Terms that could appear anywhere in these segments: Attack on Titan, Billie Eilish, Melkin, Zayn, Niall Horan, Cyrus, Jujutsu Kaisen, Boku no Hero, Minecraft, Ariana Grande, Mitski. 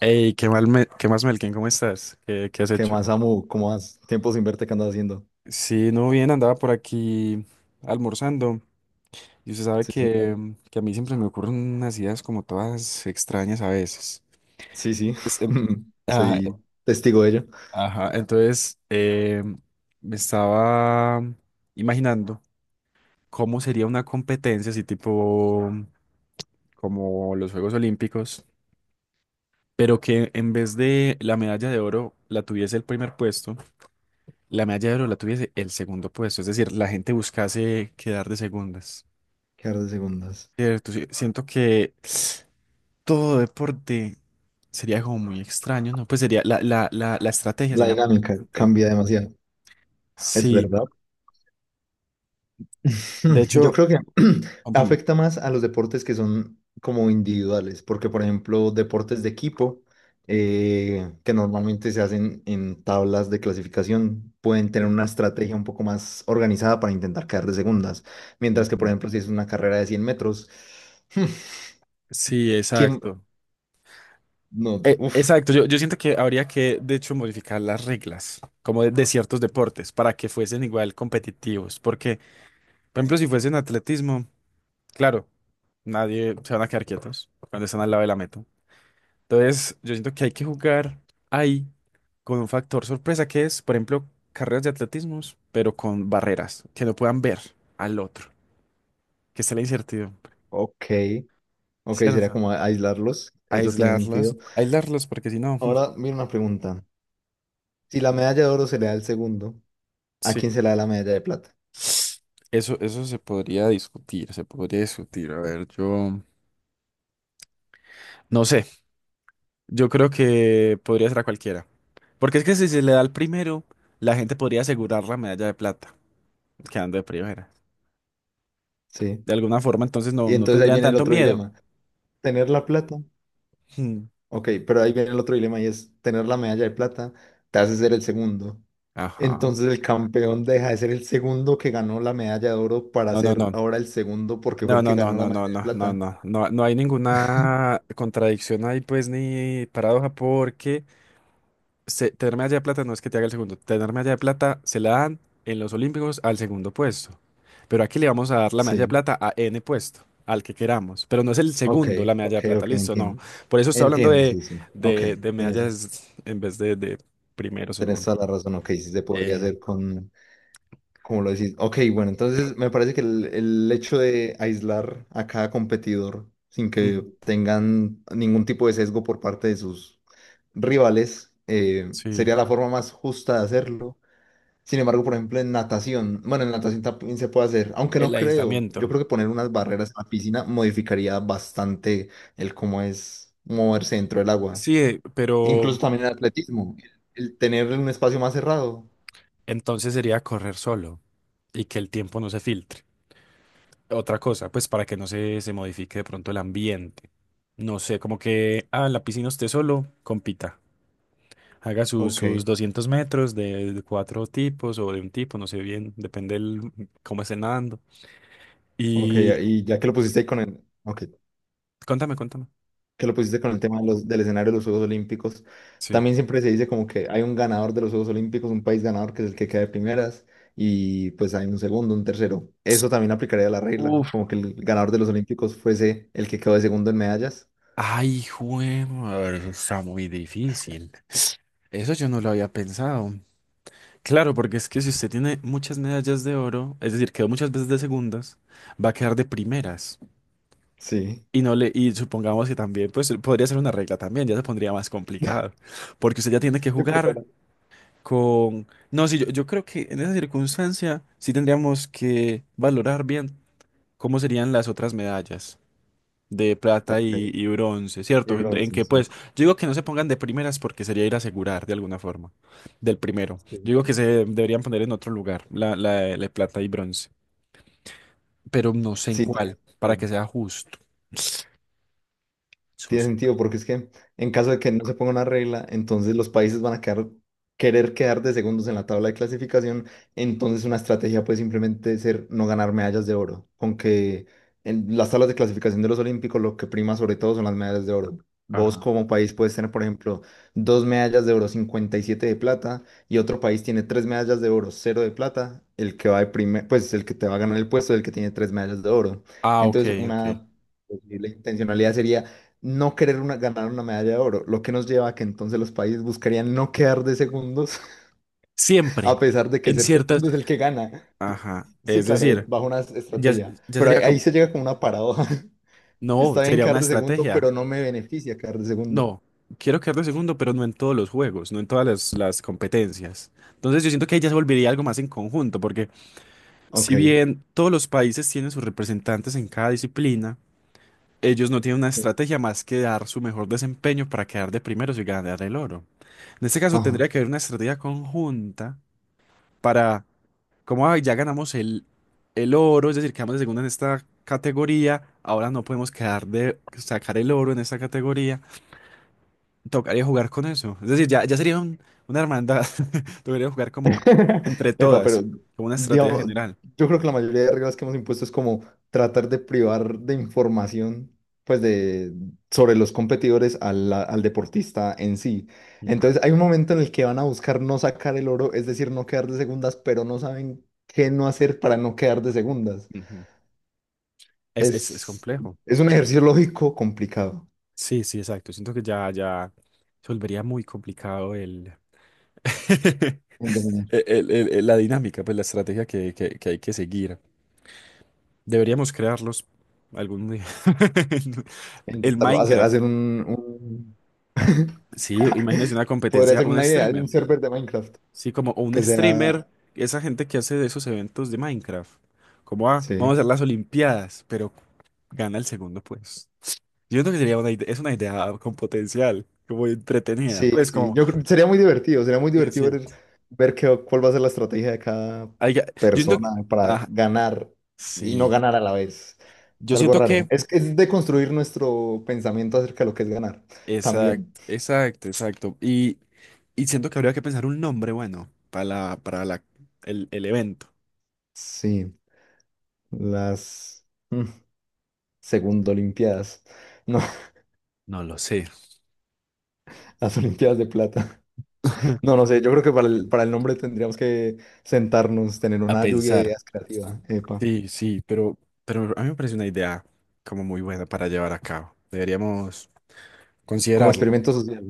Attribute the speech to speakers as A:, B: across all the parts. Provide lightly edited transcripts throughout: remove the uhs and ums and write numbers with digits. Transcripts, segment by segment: A: Hey, qué mal me- qué más, Melkin, ¿cómo estás? ¿Qué has
B: ¿Qué
A: hecho?
B: más, Samu? ¿Cómo vas? Tiempo sin verte, ¿qué andas haciendo?
A: Sí, no, bien, andaba por aquí almorzando. Y usted sabe
B: Sí, sí.
A: que que a mí siempre me ocurren unas ideas como todas extrañas a veces.
B: Sí, sí.
A: Es, em, ajá, eh,
B: Soy testigo de ello.
A: ajá, entonces, me estaba imaginando cómo sería una competencia así tipo como los Juegos Olímpicos, pero que en vez de la medalla de oro la tuviese el primer puesto, la medalla de oro la tuviese el segundo puesto, es decir, la gente buscase quedar de segundas,
B: Quedar de segundas.
A: ¿cierto? Sí, siento que todo deporte sería como muy extraño, ¿no? Pues sería, la estrategia
B: La
A: sería muy
B: dinámica
A: diferente.
B: cambia demasiado. Es
A: Sí,
B: verdad.
A: de
B: Yo
A: hecho,
B: creo que
A: contame.
B: afecta más a los deportes que son como individuales, porque por ejemplo, deportes de equipo que normalmente se hacen en tablas de clasificación pueden tener
A: Sí,
B: una estrategia un poco más organizada para intentar quedar de segundas, mientras que por
A: ujú.
B: ejemplo, si es una carrera de 100 metros.
A: Sí,
B: ¿Quién?
A: exacto.
B: No, uff,
A: Exacto, yo siento que habría que, de hecho, modificar las reglas, como de ciertos deportes, para que fuesen igual competitivos, porque, por ejemplo, si fuesen atletismo... Claro, nadie se van a quedar quietos cuando están al lado de la meta. Entonces, yo siento que hay que jugar ahí con un factor sorpresa que es, por ejemplo, carreras de atletismo, pero con barreras, que no puedan ver al otro, que sea la incertidumbre,
B: ok. Ok, sería
A: ¿cierto?
B: como aislarlos. Eso tiene
A: Aislarlos,
B: sentido.
A: aislarlos, porque si no,
B: Ahora, mira una pregunta. Si la medalla de oro se le da al segundo, ¿a
A: sí.
B: quién se le da la medalla de plata?
A: Eso se podría discutir, se podría discutir. A ver, yo no sé, yo creo que podría ser a cualquiera. Porque es que si se le da al primero, la gente podría asegurar la medalla de plata. Quedando de primera.
B: Sí.
A: De alguna forma, entonces no,
B: Y
A: no
B: entonces ahí
A: tendrían
B: viene el
A: tanto
B: otro
A: miedo.
B: dilema. Tener la plata.
A: Hmm.
B: Ok, pero ahí viene el otro dilema, y es tener la medalla de plata te hace ser el segundo.
A: Ajá.
B: Entonces el campeón deja de ser el segundo que ganó la medalla de oro para
A: No, no,
B: ser
A: no.
B: ahora el segundo porque fue
A: No,
B: el
A: no,
B: que
A: no,
B: ganó la
A: no, no,
B: medalla de
A: no, no,
B: plata.
A: no. No, no hay ninguna contradicción ahí, pues, ni paradoja, porque se- tenerme allá de plata no es que te haga el segundo. Tenerme allá de plata se la dan en los Olímpicos al segundo puesto. Pero aquí le vamos a dar la medalla de
B: Sí,
A: plata a N puesto, al que queramos. Pero no es el
B: ok,
A: segundo la medalla
B: ok,
A: de plata,
B: ok,
A: listo, no.
B: entiendo.
A: Por eso estoy hablando
B: Entiendo,
A: de,
B: sí, sí. Ok,
A: de, de
B: tienes-
A: medallas en vez de primero,
B: tenés
A: segundo.
B: toda la razón, ok, sí se podría
A: Eh.
B: hacer con, como lo decís. Ok, bueno, entonces me parece que el hecho de aislar a cada competidor sin que tengan ningún tipo de sesgo por parte de sus rivales
A: Sí,
B: sería la forma más justa de hacerlo. Sin embargo, por ejemplo, en natación, bueno, en natación también se puede hacer, aunque no
A: el
B: creo, yo
A: aislamiento.
B: creo que poner unas barreras en la piscina modificaría bastante el cómo es moverse dentro del agua.
A: Sí, pero
B: Incluso también en atletismo, el tener un espacio más cerrado.
A: entonces sería correr solo y que el tiempo no se filtre. Otra cosa, pues para que no se, se modifique de pronto el ambiente. No sé, como que, ah, en la piscina usted solo, compita. Haga sus,
B: Ok,
A: sus 200 metros de cuatro tipos o de un tipo, no sé bien, depende el, cómo esté nadando.
B: ok,
A: Y
B: y ya que lo pusiste con el, ok,
A: contame, contame.
B: que lo pusiste con el tema de los, del escenario de los Juegos Olímpicos,
A: Sí.
B: también siempre se dice como que hay un ganador de los Juegos Olímpicos, un país ganador que es el que queda de primeras, y pues hay un segundo, un tercero. Eso también aplicaría la regla,
A: Uf,
B: como que el ganador de los Olímpicos fuese el que quedó de segundo en medallas.
A: ay, jue- madre, está muy difícil. Eso yo no lo había pensado. Claro, porque es que si usted tiene muchas medallas de oro, es decir, quedó muchas veces de segundas, va a quedar de primeras.
B: Sí.
A: Y no le, y supongamos que también, pues podría ser una regla también, ya se pondría más complicado. Porque usted ya tiene que
B: Sí, por
A: jugar
B: cada.
A: con. No, sí, yo creo que en esa circunstancia sí tendríamos que valorar bien cómo serían las otras medallas de plata
B: Ok,
A: y bronce,
B: y
A: ¿cierto? En
B: bronce,
A: que
B: sí.
A: pues, yo digo que no se pongan de primeras porque sería ir a asegurar de alguna forma, del primero. Yo
B: Sí,
A: digo que se deberían poner en otro lugar, la de plata y bronce, pero no sé en
B: sí tiene
A: cuál, para
B: sentido.
A: que sea justo.
B: Tiene
A: Sus.
B: sentido, porque es que en caso de que no se ponga una regla, entonces los países van a querer quedar de segundos en la tabla de clasificación, entonces una estrategia puede simplemente ser no ganar medallas de oro, con que en las tablas de clasificación de los Olímpicos lo que prima sobre todo son las medallas de oro. Vos
A: Ajá.
B: como país puedes tener, por ejemplo, dos medallas de oro, 57 de plata, y otro país tiene tres medallas de oro, cero de plata; el que va de primer, pues el que te va a ganar el puesto es el que tiene tres medallas de oro.
A: Ah, ok,
B: Entonces,
A: ok.
B: una... Pues, la intencionalidad sería no querer ganar una medalla de oro, lo que nos lleva a que entonces los países buscarían no quedar de segundos, a
A: Siempre,
B: pesar de que
A: en
B: ser
A: ciertas...
B: segundo es el que gana.
A: Ajá,
B: Sí,
A: es
B: claro,
A: decir,
B: bajo una
A: ya,
B: estrategia.
A: ya
B: Pero ahí,
A: sería
B: ahí
A: como...
B: se llega como una paradoja.
A: No,
B: Está bien
A: sería
B: quedar
A: una
B: de segundo,
A: estrategia.
B: pero no me beneficia quedar de segundo.
A: No, quiero quedar de segundo, pero no en todos los juegos, no en todas las competencias. Entonces yo siento que ahí ya se volvería algo más en conjunto, porque
B: Ok.
A: si bien todos los países tienen sus representantes en cada disciplina, ellos no tienen una
B: Sí.
A: estrategia más que dar su mejor desempeño para quedar de primeros y ganar el oro. En este caso
B: Ajá.
A: tendría que haber una estrategia conjunta para, como "Ay, ya ganamos el oro, es decir, quedamos de segunda en esta categoría, ahora no podemos quedar de sacar el oro en esta categoría, tocaría jugar con eso. Es decir, ya sería un- una hermandad, tocaría jugar como entre
B: Epa,
A: todas,
B: pero
A: como una estrategia
B: digamos,
A: general.
B: yo creo que la mayoría de reglas que hemos impuesto es como tratar de privar de información, pues de, sobre los competidores al, deportista en sí.
A: Ujú.
B: Entonces hay un momento en el que van a buscar no sacar el oro, es decir, no quedar de segundas, pero no saben qué no hacer para no quedar de segundas.
A: Ujú. Es
B: Es,
A: complejo.
B: es un ejercicio lógico complicado.
A: Sí, sí, exacto. Siento que ya se volvería muy complicado el,
B: En dominar,
A: la dinámica, pues la estrategia que hay que seguir. Deberíamos crearlos algún día.
B: en
A: El
B: intentarlo hacer,
A: Minecraft.
B: hacer un,
A: Sí, imagínese una
B: podría
A: competencia,
B: ser
A: un
B: una idea de un
A: streamer.
B: server de Minecraft
A: Sí, como un
B: que
A: streamer,
B: sea...
A: esa gente que hace de esos eventos de Minecraft. Como, ah, vamos
B: Sí.
A: a hacer las Olimpiadas, pero gana el segundo, pues. Yo creo que sería una idea, es una idea con potencial, como entretenida.
B: Sí,
A: Pues
B: sí,
A: como...
B: sería muy divertido ver, qué, cuál va a ser la estrategia de cada
A: Ay, ya, yo siento
B: persona
A: que,
B: para
A: ah,
B: ganar y no
A: sí,
B: ganar a la vez. Es
A: yo
B: algo
A: siento
B: raro.
A: que,
B: Es de construir nuestro pensamiento acerca de lo que es ganar también.
A: exacto, exacto, exacto. Y siento que habría que pensar un nombre bueno para el evento.
B: Sí, las mm, segundo olimpiadas. No,
A: No lo sé.
B: las olimpiadas de plata. No, no sé, yo creo que para el nombre tendríamos que sentarnos, tener
A: A
B: una lluvia de
A: pensar.
B: ideas creativas, epa,
A: Sí, sí, pero a mí me parece una idea como muy buena para llevar a cabo. Deberíamos
B: como
A: considerarlo.
B: experimento social.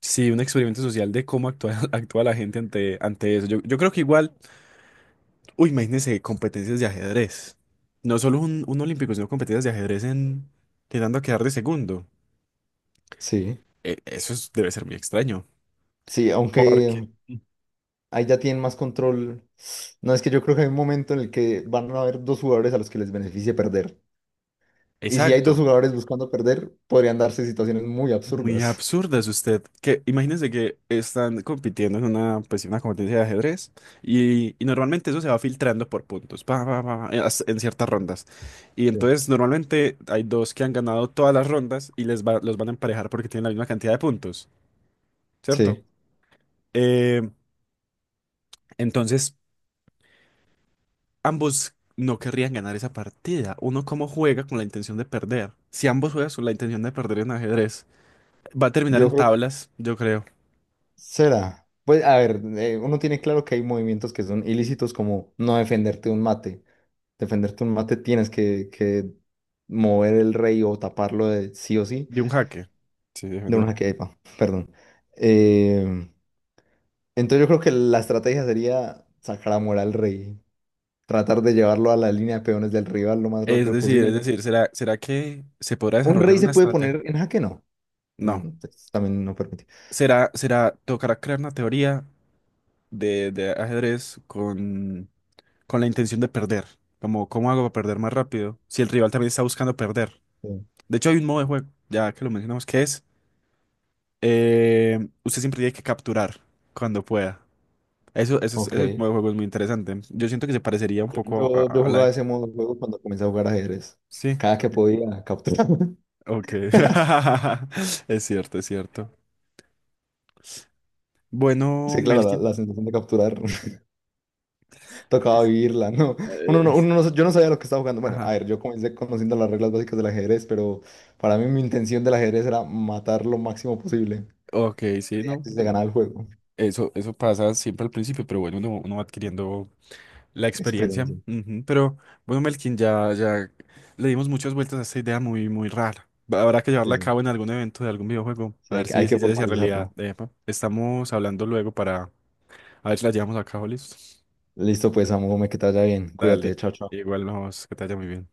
A: Sí, un experimento social de cómo actúa, actúa la gente ante, ante eso. Yo creo que igual. Uy, imagínense competencias de ajedrez. No solo un olímpico, sino competencias de ajedrez en quedando a quedar de segundo.
B: Sí.
A: E- eso es- debe ser muy extraño.
B: Sí, aunque
A: Porque
B: ahí ya tienen más control. No, es que yo creo que hay un momento en el que van a haber dos jugadores a los que les beneficie perder. Y si hay dos
A: exacto.
B: jugadores buscando perder, podrían darse situaciones muy
A: Muy
B: absurdas.
A: absurda es usted. Que imagínense que están compitiendo en una, pues, una competencia de ajedrez y normalmente eso se va filtrando por puntos, pa, pa, pa, pa, en as- en ciertas rondas. Y
B: Sí.
A: entonces normalmente hay dos que han ganado todas las rondas y les va- los van a emparejar porque tienen la misma cantidad de puntos, ¿cierto?
B: Sí,
A: Eh, entonces ambos no querrían ganar esa partida. Uno como juega con la intención de perder. Si ambos juegan con la intención de perder en ajedrez, va a terminar
B: yo
A: en
B: creo que
A: tablas, yo creo,
B: será. Pues a ver, uno tiene claro que hay movimientos que son ilícitos como no defenderte un mate. Defenderte un mate tienes que mover el rey o taparlo de sí o sí
A: de un jaque. Sí,
B: de
A: defender.
B: una quepa, perdón. Eh, entonces yo creo que la estrategia sería sacar a morar al rey, tratar de llevarlo a la línea de peones del rival lo más rápido
A: Es
B: posible.
A: decir, ¿será, será que se podrá
B: Un
A: desarrollar
B: rey se
A: una
B: puede
A: estrategia?
B: poner en jaque, no. No,
A: No.
B: no, pues, también no permite.
A: Será, será, tocará crear una teoría de ajedrez con la intención de perder. Como, ¿cómo hago para perder más rápido? Si el rival también está buscando perder.
B: Sí.
A: De hecho, hay un modo de juego, ya que lo mencionamos, que es eh, usted siempre tiene que capturar cuando pueda. Eso, es-
B: Ok.
A: ese modo de juego es muy interesante. Yo siento que se parecería un
B: Yo,
A: poco
B: yo, yo
A: a la...
B: jugaba ese modo de juego cuando comencé a jugar ajedrez.
A: Sí.
B: Cada que
A: Ok.
B: podía capturar.
A: Ok. Es cierto, es cierto. Bueno,
B: Sí, claro, la,
A: Melkin.
B: la sensación de capturar tocaba
A: Es-
B: vivirla, ¿no? Uno, no,
A: es-
B: uno no- Yo no sabía lo que estaba jugando. Bueno, a
A: ajá.
B: ver, yo comencé conociendo las reglas básicas del ajedrez, pero para mí mi intención del ajedrez era matar lo máximo posible.
A: Ok, sí,
B: Creía
A: no.
B: que se ganaba el juego.
A: Eso pasa siempre al principio, pero bueno, uno, uno va adquiriendo la experiencia.
B: Experiencia.
A: Ujú. Pero bueno, Melkin, ya le dimos muchas vueltas a esta idea muy, muy rara. Habrá que
B: Sí,
A: llevarla a
B: sí.
A: cabo en algún evento de algún videojuego.
B: Sí,
A: A ver
B: hay
A: si,
B: que
A: si se hace realidad.
B: formalizarla.
A: Epa. Estamos hablando luego para a ver si la llevamos a cabo, listo.
B: Listo, pues, amo, me que te vaya bien. Cuídate,
A: Dale.
B: chao, chao.
A: Igual nos, que te vaya muy bien.